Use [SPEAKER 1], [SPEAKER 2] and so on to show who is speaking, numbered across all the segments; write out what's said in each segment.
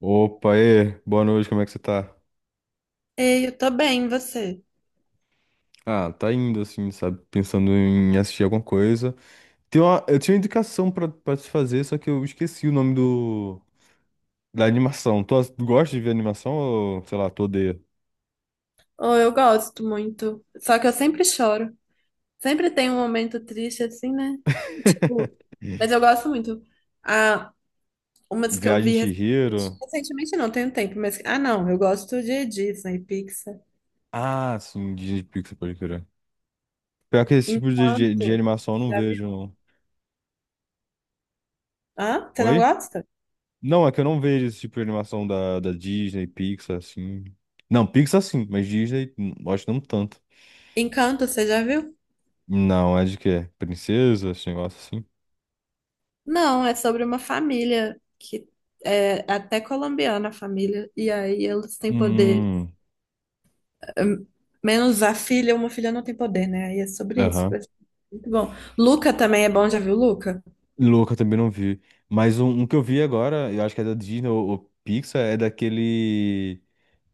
[SPEAKER 1] Opa, e aí, boa noite, como é que você tá?
[SPEAKER 2] Ei, eu tô bem, e você?
[SPEAKER 1] Ah, tá indo assim, sabe? Pensando em assistir alguma coisa. Eu tinha uma indicação pra te fazer, só que eu esqueci o nome da animação. Tu gosta de ver animação ou, sei lá, tu odeia?
[SPEAKER 2] Oh, eu gosto muito. Só que eu sempre choro. Sempre tem um momento triste assim, né? Tipo, mas eu gosto muito. Ah, umas que eu
[SPEAKER 1] Viagem
[SPEAKER 2] vi
[SPEAKER 1] de
[SPEAKER 2] recentemente,
[SPEAKER 1] Chihiro?
[SPEAKER 2] recentemente não, tem um tempo, mas ah, não, eu gosto de Disney, Pixar.
[SPEAKER 1] Ah, sim, Disney Pixar, pode crer. Pior que esse tipo de
[SPEAKER 2] Encanto,
[SPEAKER 1] animação eu não
[SPEAKER 2] você já
[SPEAKER 1] vejo.
[SPEAKER 2] viu?
[SPEAKER 1] Não.
[SPEAKER 2] Hã? Você não
[SPEAKER 1] Oi?
[SPEAKER 2] gosta?
[SPEAKER 1] Não, é que eu não vejo esse tipo de animação da Disney, Pixar, assim. Não, Pixar sim, mas Disney, acho que não tanto.
[SPEAKER 2] Encanto, você já viu?
[SPEAKER 1] Não, é de quê? Princesa, esse negócio assim?
[SPEAKER 2] Não, é sobre uma família que é até colombiana a família, e aí eles têm poder
[SPEAKER 1] Hum.
[SPEAKER 2] hum, menos a filha, uma filha não tem poder, né? Aí é sobre isso.
[SPEAKER 1] Aham.
[SPEAKER 2] Muito bom. Luca também é bom, já viu Luca?
[SPEAKER 1] Louca também não vi. Mas um que eu vi agora, eu acho que é da Disney ou Pixar, é daquele.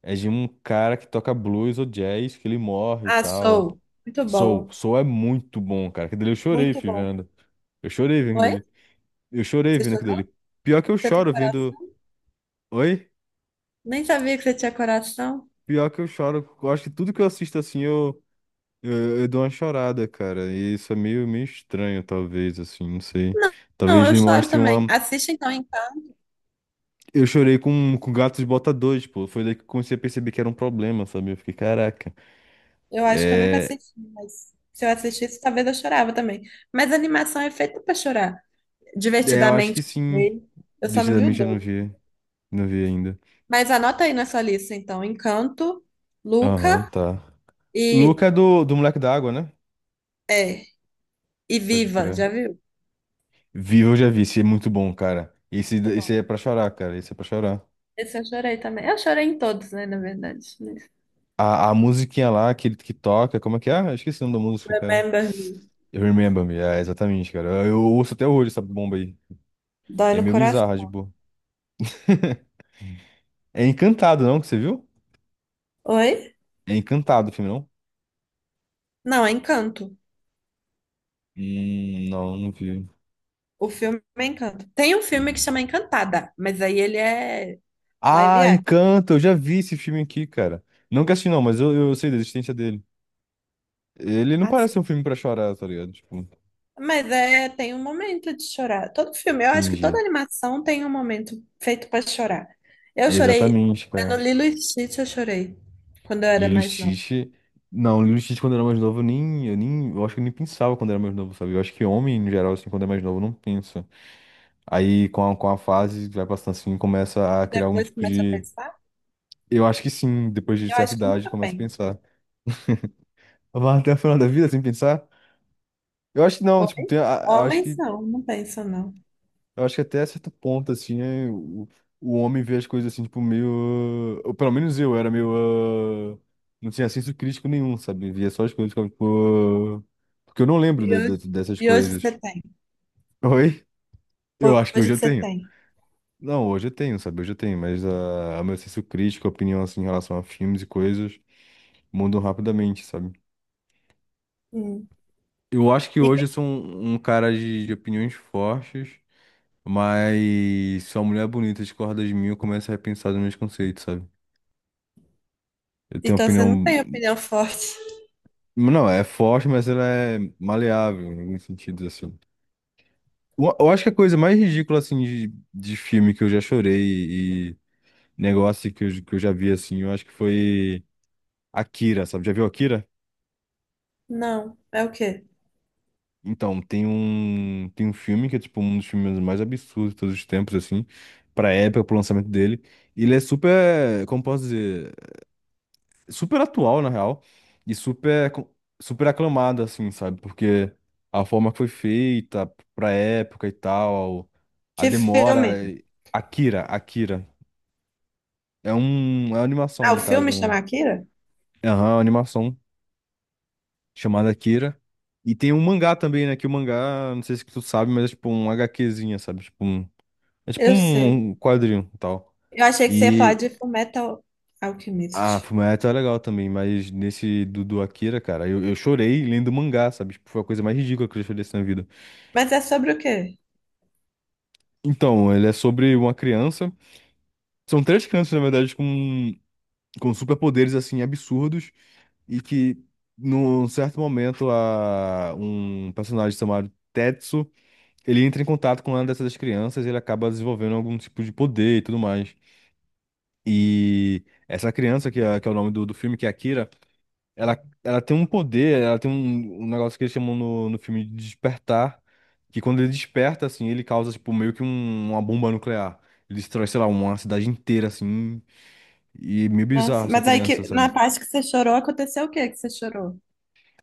[SPEAKER 1] É de um cara que toca blues ou jazz, que ele morre e
[SPEAKER 2] Ah,
[SPEAKER 1] tal.
[SPEAKER 2] Soul. Muito
[SPEAKER 1] Soul.
[SPEAKER 2] bom.
[SPEAKER 1] Soul é muito bom, cara. Aquilo dele eu chorei,
[SPEAKER 2] Muito
[SPEAKER 1] fi,
[SPEAKER 2] bom.
[SPEAKER 1] vendo. Eu chorei vendo
[SPEAKER 2] Oi?
[SPEAKER 1] ele. Eu chorei
[SPEAKER 2] Você
[SPEAKER 1] vendo aquilo
[SPEAKER 2] chorou?
[SPEAKER 1] dele. Pior que eu
[SPEAKER 2] Você tem
[SPEAKER 1] choro
[SPEAKER 2] coração?
[SPEAKER 1] vendo. Oi?
[SPEAKER 2] Nem sabia que você tinha coração.
[SPEAKER 1] Pior que eu choro. Eu acho que tudo que eu assisto assim, eu. Eu dou uma chorada, cara. E isso é meio estranho, talvez, assim, não sei.
[SPEAKER 2] Não, não,
[SPEAKER 1] Talvez
[SPEAKER 2] eu
[SPEAKER 1] me
[SPEAKER 2] choro
[SPEAKER 1] mostre
[SPEAKER 2] também.
[SPEAKER 1] uma.
[SPEAKER 2] Assiste então.
[SPEAKER 1] Eu chorei com Gatos Botadores, pô. Foi daí que eu comecei a perceber que era um problema, sabe? Eu fiquei, caraca.
[SPEAKER 2] Eu acho que eu nunca
[SPEAKER 1] É,
[SPEAKER 2] assisti, mas se eu assistisse, talvez eu chorava também. Mas a animação é feita pra chorar.
[SPEAKER 1] é, eu acho
[SPEAKER 2] Divertidamente,
[SPEAKER 1] que
[SPEAKER 2] eu
[SPEAKER 1] sim.
[SPEAKER 2] chorei. Eu só não vi o
[SPEAKER 1] Decididamente eu não
[SPEAKER 2] dois.
[SPEAKER 1] vi. Não vi ainda.
[SPEAKER 2] Mas anota aí na sua lista, então. Encanto,
[SPEAKER 1] Aham,
[SPEAKER 2] Luca
[SPEAKER 1] tá.
[SPEAKER 2] e...
[SPEAKER 1] Luca é do Moleque da Água, né?
[SPEAKER 2] É, e
[SPEAKER 1] Pode
[SPEAKER 2] Viva,
[SPEAKER 1] crer.
[SPEAKER 2] já viu?
[SPEAKER 1] Viva eu já vi, esse é muito bom, cara. Esse,
[SPEAKER 2] Muito
[SPEAKER 1] esse é
[SPEAKER 2] bom.
[SPEAKER 1] pra chorar, cara. Esse é pra chorar.
[SPEAKER 2] Esse eu chorei também. Eu chorei em todos, né, na verdade, mas-
[SPEAKER 1] A musiquinha lá, que ele que toca, como é que é? Ah, eu esqueci o nome da música, cara.
[SPEAKER 2] Remember Me.
[SPEAKER 1] Eu Remember Me, é, exatamente, cara. Eu ouço até hoje essa bomba aí.
[SPEAKER 2] Dói
[SPEAKER 1] E é
[SPEAKER 2] no
[SPEAKER 1] meio
[SPEAKER 2] coração.
[SPEAKER 1] bizarra, tipo. É Encantado, não? Que você viu?
[SPEAKER 2] Oi?
[SPEAKER 1] É Encantado o filme, não?
[SPEAKER 2] Não, é Encanto.
[SPEAKER 1] Não, não vi.
[SPEAKER 2] O filme é Encanto. Tem um filme que chama Encantada, mas aí ele é live
[SPEAKER 1] Ah,
[SPEAKER 2] action.
[SPEAKER 1] Encanto, eu já vi esse filme aqui, cara. Nunca assisti, não, mas eu sei da existência dele. Ele não
[SPEAKER 2] Assim.
[SPEAKER 1] parece um filme pra chorar, tá ligado? Tipo,
[SPEAKER 2] Mas é, tem um momento de chorar. Todo filme, eu acho que
[SPEAKER 1] entendi.
[SPEAKER 2] toda animação tem um momento feito para chorar. Eu chorei,
[SPEAKER 1] Exatamente,
[SPEAKER 2] é no
[SPEAKER 1] cara.
[SPEAKER 2] Lilo e Stitch eu chorei, quando eu era
[SPEAKER 1] Lilo e
[SPEAKER 2] mais nova.
[SPEAKER 1] Stitch. Não, Lilo e Stitch quando eu era mais novo, eu nem, eu nem. Eu acho que eu nem pensava quando eu era mais novo, sabe? Eu acho que homem, no geral, assim, quando é mais novo, não pensa. Aí, com a fase, vai passando assim, começa a
[SPEAKER 2] E
[SPEAKER 1] criar algum
[SPEAKER 2] depois
[SPEAKER 1] tipo
[SPEAKER 2] começo a
[SPEAKER 1] de.
[SPEAKER 2] pensar,
[SPEAKER 1] Eu acho que sim, depois de
[SPEAKER 2] eu
[SPEAKER 1] certa
[SPEAKER 2] acho que
[SPEAKER 1] idade,
[SPEAKER 2] nunca
[SPEAKER 1] começa a
[SPEAKER 2] penso.
[SPEAKER 1] pensar. Vai até o final da vida sem pensar? Eu acho que não, tipo, tem, eu acho
[SPEAKER 2] Homens
[SPEAKER 1] que
[SPEAKER 2] não, não pensam não.
[SPEAKER 1] eu acho que até certo ponto, assim, é, o homem vê as coisas assim, tipo, meio. Ou pelo menos eu era meio. Ah, não tinha senso crítico nenhum, sabe? Via só as coisas, ficava, tipo, ah, porque eu não lembro
[SPEAKER 2] E hoje,
[SPEAKER 1] dessas
[SPEAKER 2] e hoje
[SPEAKER 1] coisas.
[SPEAKER 2] você tem.
[SPEAKER 1] Oi? Eu acho que
[SPEAKER 2] Hoje
[SPEAKER 1] hoje
[SPEAKER 2] que
[SPEAKER 1] eu
[SPEAKER 2] você
[SPEAKER 1] tenho.
[SPEAKER 2] tem.
[SPEAKER 1] Não, hoje eu tenho, sabe? Hoje eu tenho, mas a meu senso crítico, a opinião, assim, em relação a filmes e coisas, mudam rapidamente, sabe?
[SPEAKER 2] Hum.
[SPEAKER 1] Eu acho que
[SPEAKER 2] E
[SPEAKER 1] hoje
[SPEAKER 2] que-
[SPEAKER 1] eu sou um cara de opiniões fortes. Mas se uma mulher bonita discorda de mim, eu começo a repensar os meus conceitos, sabe? Eu tenho
[SPEAKER 2] então você não
[SPEAKER 1] opinião.
[SPEAKER 2] tem opinião forte.
[SPEAKER 1] Não, é forte, mas ela é maleável em alguns sentidos, assim. Eu acho que a coisa mais ridícula, assim, de filme que eu já chorei e negócio que eu já vi, assim, eu acho que foi Akira, sabe? Já viu Akira?
[SPEAKER 2] Não. É o quê?
[SPEAKER 1] Então, tem um filme que é, tipo, um dos filmes mais absurdos de todos os tempos, assim, pra época, pro lançamento dele. E ele é super, como posso dizer? Super atual, na real, e super, super aclamada, assim, sabe? Porque a forma que foi feita pra época e tal, a
[SPEAKER 2] Que filme?
[SPEAKER 1] demora. Akira, Akira. É uma animação,
[SPEAKER 2] Ah, o
[SPEAKER 1] no caso.
[SPEAKER 2] filme chama Akira?
[SPEAKER 1] Aham, uma animação chamada Akira. E tem um mangá também, né? Que o mangá, não sei se tu sabe, mas é tipo um HQzinha, sabe? É tipo
[SPEAKER 2] Eu sei.
[SPEAKER 1] um quadrinho e tal.
[SPEAKER 2] Eu achei que você ia falar
[SPEAKER 1] E
[SPEAKER 2] de Fullmetal
[SPEAKER 1] ah,
[SPEAKER 2] Alchemist.
[SPEAKER 1] Fullmetal é legal também, mas nesse do Akira, cara, eu chorei lendo o mangá, sabe? Tipo, foi a coisa mais ridícula que eu já chorei assim na vida.
[SPEAKER 2] Mas é sobre o quê?
[SPEAKER 1] Então, ele é sobre uma criança. São três crianças, na verdade, com, superpoderes, assim, absurdos. E que, num certo momento, um personagem chamado Tetsu, ele entra em contato com uma dessas crianças e ele acaba desenvolvendo algum tipo de poder e tudo mais. E essa criança, que é o nome do filme, que é Akira. Ela tem um poder, ela tem um negócio que eles chamam no filme de despertar, que quando ele desperta, assim, ele causa, tipo, meio que uma bomba nuclear. Ele destrói, sei lá, uma cidade inteira, assim, e é meio bizarro
[SPEAKER 2] Nossa,
[SPEAKER 1] essa
[SPEAKER 2] mas aí
[SPEAKER 1] criança,
[SPEAKER 2] que na
[SPEAKER 1] sabe?
[SPEAKER 2] parte que você chorou, aconteceu o quê que você chorou?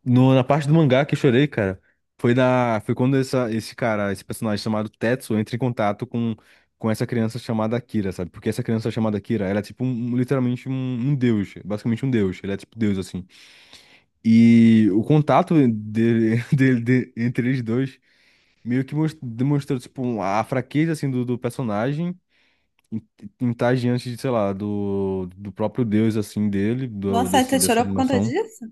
[SPEAKER 1] No, Na parte do mangá que eu chorei, cara, foi quando esse cara, esse personagem chamado Tetsuo entra em contato com essa criança chamada Kira, sabe? Porque essa criança chamada Kira, ela é, tipo, literalmente um deus, basicamente um deus. Ele é, tipo, deus, assim. E o contato dele, dele, entre eles dois meio que demonstrou, tipo, a fraqueza, assim, do personagem em, em estar diante de, sei lá, do próprio Deus, assim, dele,
[SPEAKER 2] Nossa, aí você
[SPEAKER 1] dessa
[SPEAKER 2] chorou por conta
[SPEAKER 1] animação.
[SPEAKER 2] disso?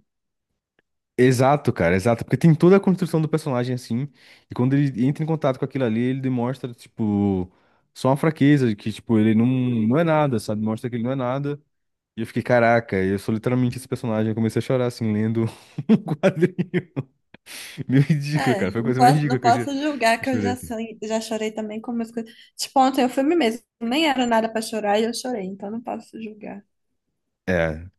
[SPEAKER 1] Exato, cara, exato. Porque tem toda a construção do personagem, assim, e quando ele entra em contato com aquilo ali, ele demonstra, tipo, só uma fraqueza, de que, tipo, ele não é nada, sabe? Mostra que ele não é nada. E eu fiquei, caraca, eu sou literalmente esse personagem. Eu comecei a chorar, assim, lendo um quadrinho. Meio ridículo,
[SPEAKER 2] É,
[SPEAKER 1] cara. Foi a
[SPEAKER 2] não
[SPEAKER 1] coisa mais
[SPEAKER 2] posso,
[SPEAKER 1] ridícula
[SPEAKER 2] não
[SPEAKER 1] que eu já
[SPEAKER 2] posso julgar
[SPEAKER 1] eu
[SPEAKER 2] que eu já,
[SPEAKER 1] chorei.
[SPEAKER 2] san- já chorei também com umas coisas. Tipo, ontem o filme mesmo nem era nada pra chorar e eu chorei, então não posso julgar.
[SPEAKER 1] É,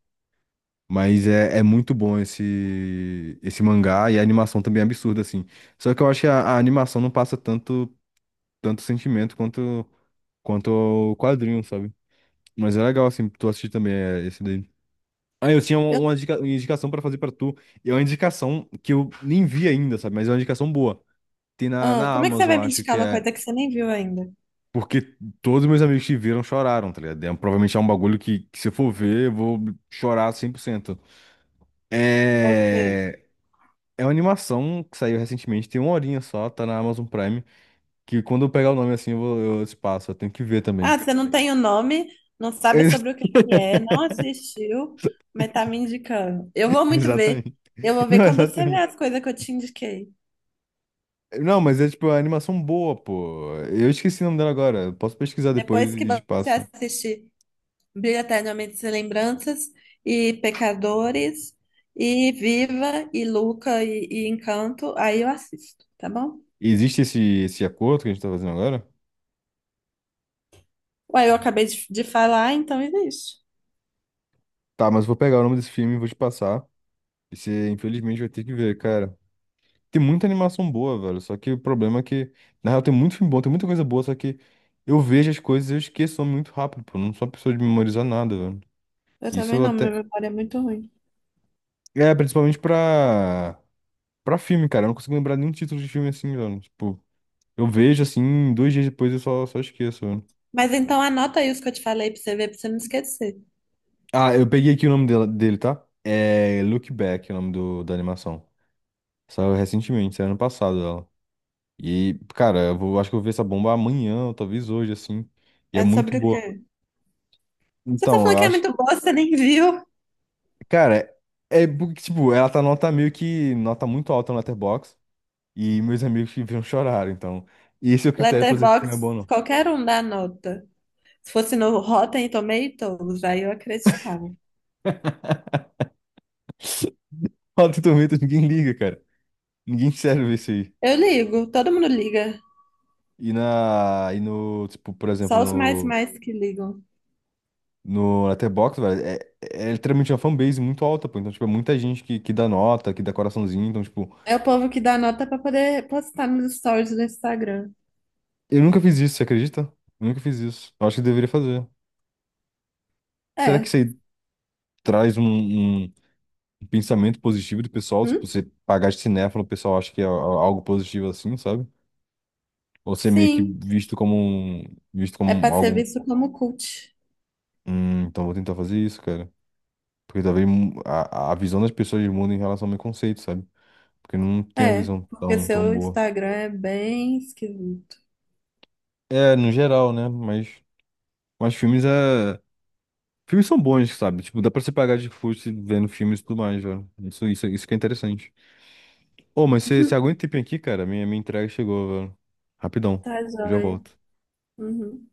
[SPEAKER 1] mas é muito bom esse mangá e a animação também é absurda, assim. Só que eu acho que a animação não passa tanto sentimento quanto o quadrinho, sabe? Mas é legal, assim, tu assistir também é, esse daí. Ah, eu tinha uma, uma
[SPEAKER 2] Eu
[SPEAKER 1] indica- uma indicação pra fazer pra tu. E é uma indicação que eu nem vi ainda, sabe? Mas é uma indicação boa. Tem na,
[SPEAKER 2] ah,
[SPEAKER 1] na
[SPEAKER 2] como é que você
[SPEAKER 1] Amazon,
[SPEAKER 2] vai me
[SPEAKER 1] acho
[SPEAKER 2] indicar
[SPEAKER 1] que
[SPEAKER 2] uma
[SPEAKER 1] é.
[SPEAKER 2] coisa que você nem viu ainda?
[SPEAKER 1] Porque todos meus amigos que viram choraram, tá ligado? É, provavelmente é um bagulho que se eu for ver, eu vou chorar 100%.
[SPEAKER 2] Ok.
[SPEAKER 1] É... É uma animação que saiu recentemente, tem uma horinha só, tá na Amazon Prime, que quando eu pegar o nome assim, eu te passo, eu tenho que ver
[SPEAKER 2] Ah,
[SPEAKER 1] também.
[SPEAKER 2] você não tem o nome, não sabe
[SPEAKER 1] Ex-
[SPEAKER 2] sobre o que que é, não assistiu, mas tá me indicando. Eu vou muito ver.
[SPEAKER 1] Exatamente.
[SPEAKER 2] Eu vou ver
[SPEAKER 1] Não,
[SPEAKER 2] quando você ver
[SPEAKER 1] exatamente.
[SPEAKER 2] as coisas que eu te indiquei.
[SPEAKER 1] Não, mas é tipo é uma animação boa, pô. Eu esqueci o nome dela agora. Eu Posso pesquisar depois
[SPEAKER 2] Depois que
[SPEAKER 1] e te
[SPEAKER 2] você
[SPEAKER 1] passo.
[SPEAKER 2] assistir Brilha Eternamente Sem Lembranças e Pecadores e Viva e Luca e Encanto, aí eu assisto, tá bom?
[SPEAKER 1] Existe esse acordo que a gente tá fazendo agora?
[SPEAKER 2] Ué, eu acabei de falar, então existe.
[SPEAKER 1] Tá, mas eu vou pegar o nome desse filme e vou te passar. E você, infelizmente, vai ter que ver, cara. Tem muita animação boa, velho. Só que o problema é que, na real, tem muito filme bom, tem muita coisa boa, só que eu vejo as coisas e eu esqueço muito rápido, pô. Eu não sou uma pessoa de memorizar nada, velho.
[SPEAKER 2] Eu
[SPEAKER 1] Isso
[SPEAKER 2] também
[SPEAKER 1] eu
[SPEAKER 2] não, minha
[SPEAKER 1] até.
[SPEAKER 2] memória é muito ruim.
[SPEAKER 1] É, principalmente pra. Pra filme, cara. Eu não consigo lembrar nenhum título de filme assim, velho. Tipo, eu vejo assim, 2 dias depois eu só esqueço, velho.
[SPEAKER 2] Mas então anota aí os que eu te falei pra você ver, pra você não esquecer.
[SPEAKER 1] Ah, eu peguei aqui o nome dele, tá? É Look Back, é o nome da animação. Saiu recentemente, saiu ano passado ela. E, cara, acho que eu vou ver essa bomba amanhã, ou talvez hoje, assim. E é
[SPEAKER 2] É
[SPEAKER 1] muito
[SPEAKER 2] sobre o
[SPEAKER 1] boa.
[SPEAKER 2] quê? Você tá
[SPEAKER 1] Então, eu
[SPEAKER 2] falando que é
[SPEAKER 1] acho.
[SPEAKER 2] muito boa, você nem viu.
[SPEAKER 1] Cara, é porque, tipo, ela tá nota meio que. Nota muito alta no Letterboxd. E meus amigos que viram choraram, então. E esse é o critério pra dizer que não é
[SPEAKER 2] Letterboxd,
[SPEAKER 1] bom, não.
[SPEAKER 2] qualquer um dá nota. Se fosse no Rotten Tomatoes, aí eu acreditava.
[SPEAKER 1] Rotten Tomatoes, ninguém liga, cara. Ninguém serve isso aí.
[SPEAKER 2] Eu ligo, todo mundo liga.
[SPEAKER 1] E na. E no. Tipo, por exemplo,
[SPEAKER 2] Só os mais
[SPEAKER 1] no.
[SPEAKER 2] mais que ligam.
[SPEAKER 1] No Letterboxd, velho, é literalmente uma fanbase muito alta, pô. Então, tipo, é muita gente que dá nota, que dá coraçãozinho. Então, tipo,
[SPEAKER 2] É o povo que dá nota pra poder postar nos stories do Instagram.
[SPEAKER 1] eu nunca fiz isso, você acredita? Eu nunca fiz isso. Eu acho que eu deveria fazer. Será que
[SPEAKER 2] É.
[SPEAKER 1] isso aí traz pensamento positivo do pessoal, tipo,
[SPEAKER 2] Hum?
[SPEAKER 1] você pagar de cinéfilo, o pessoal acha que é algo positivo assim, sabe? Ou ser meio que
[SPEAKER 2] Sim.
[SPEAKER 1] visto como um, visto
[SPEAKER 2] É pra
[SPEAKER 1] como
[SPEAKER 2] ser
[SPEAKER 1] algo,
[SPEAKER 2] visto como cult.
[SPEAKER 1] então vou tentar fazer isso, cara. Porque talvez a visão das pessoas mudem em relação ao meu conceito, sabe? Porque não tem a
[SPEAKER 2] É,
[SPEAKER 1] visão
[SPEAKER 2] porque
[SPEAKER 1] tão, tão
[SPEAKER 2] seu
[SPEAKER 1] boa.
[SPEAKER 2] Instagram é bem esquisito.
[SPEAKER 1] É, no geral, né? Mas filmes é... Filmes são bons, sabe? Tipo, dá pra você pagar de custo vendo filmes e tudo mais, velho. Isso que é interessante. Ô, mas você aguenta um tempinho aqui, cara? Minha entrega chegou, velho. Rapidão.
[SPEAKER 2] Tá
[SPEAKER 1] Eu já
[SPEAKER 2] joia.
[SPEAKER 1] volto.
[SPEAKER 2] Uhum.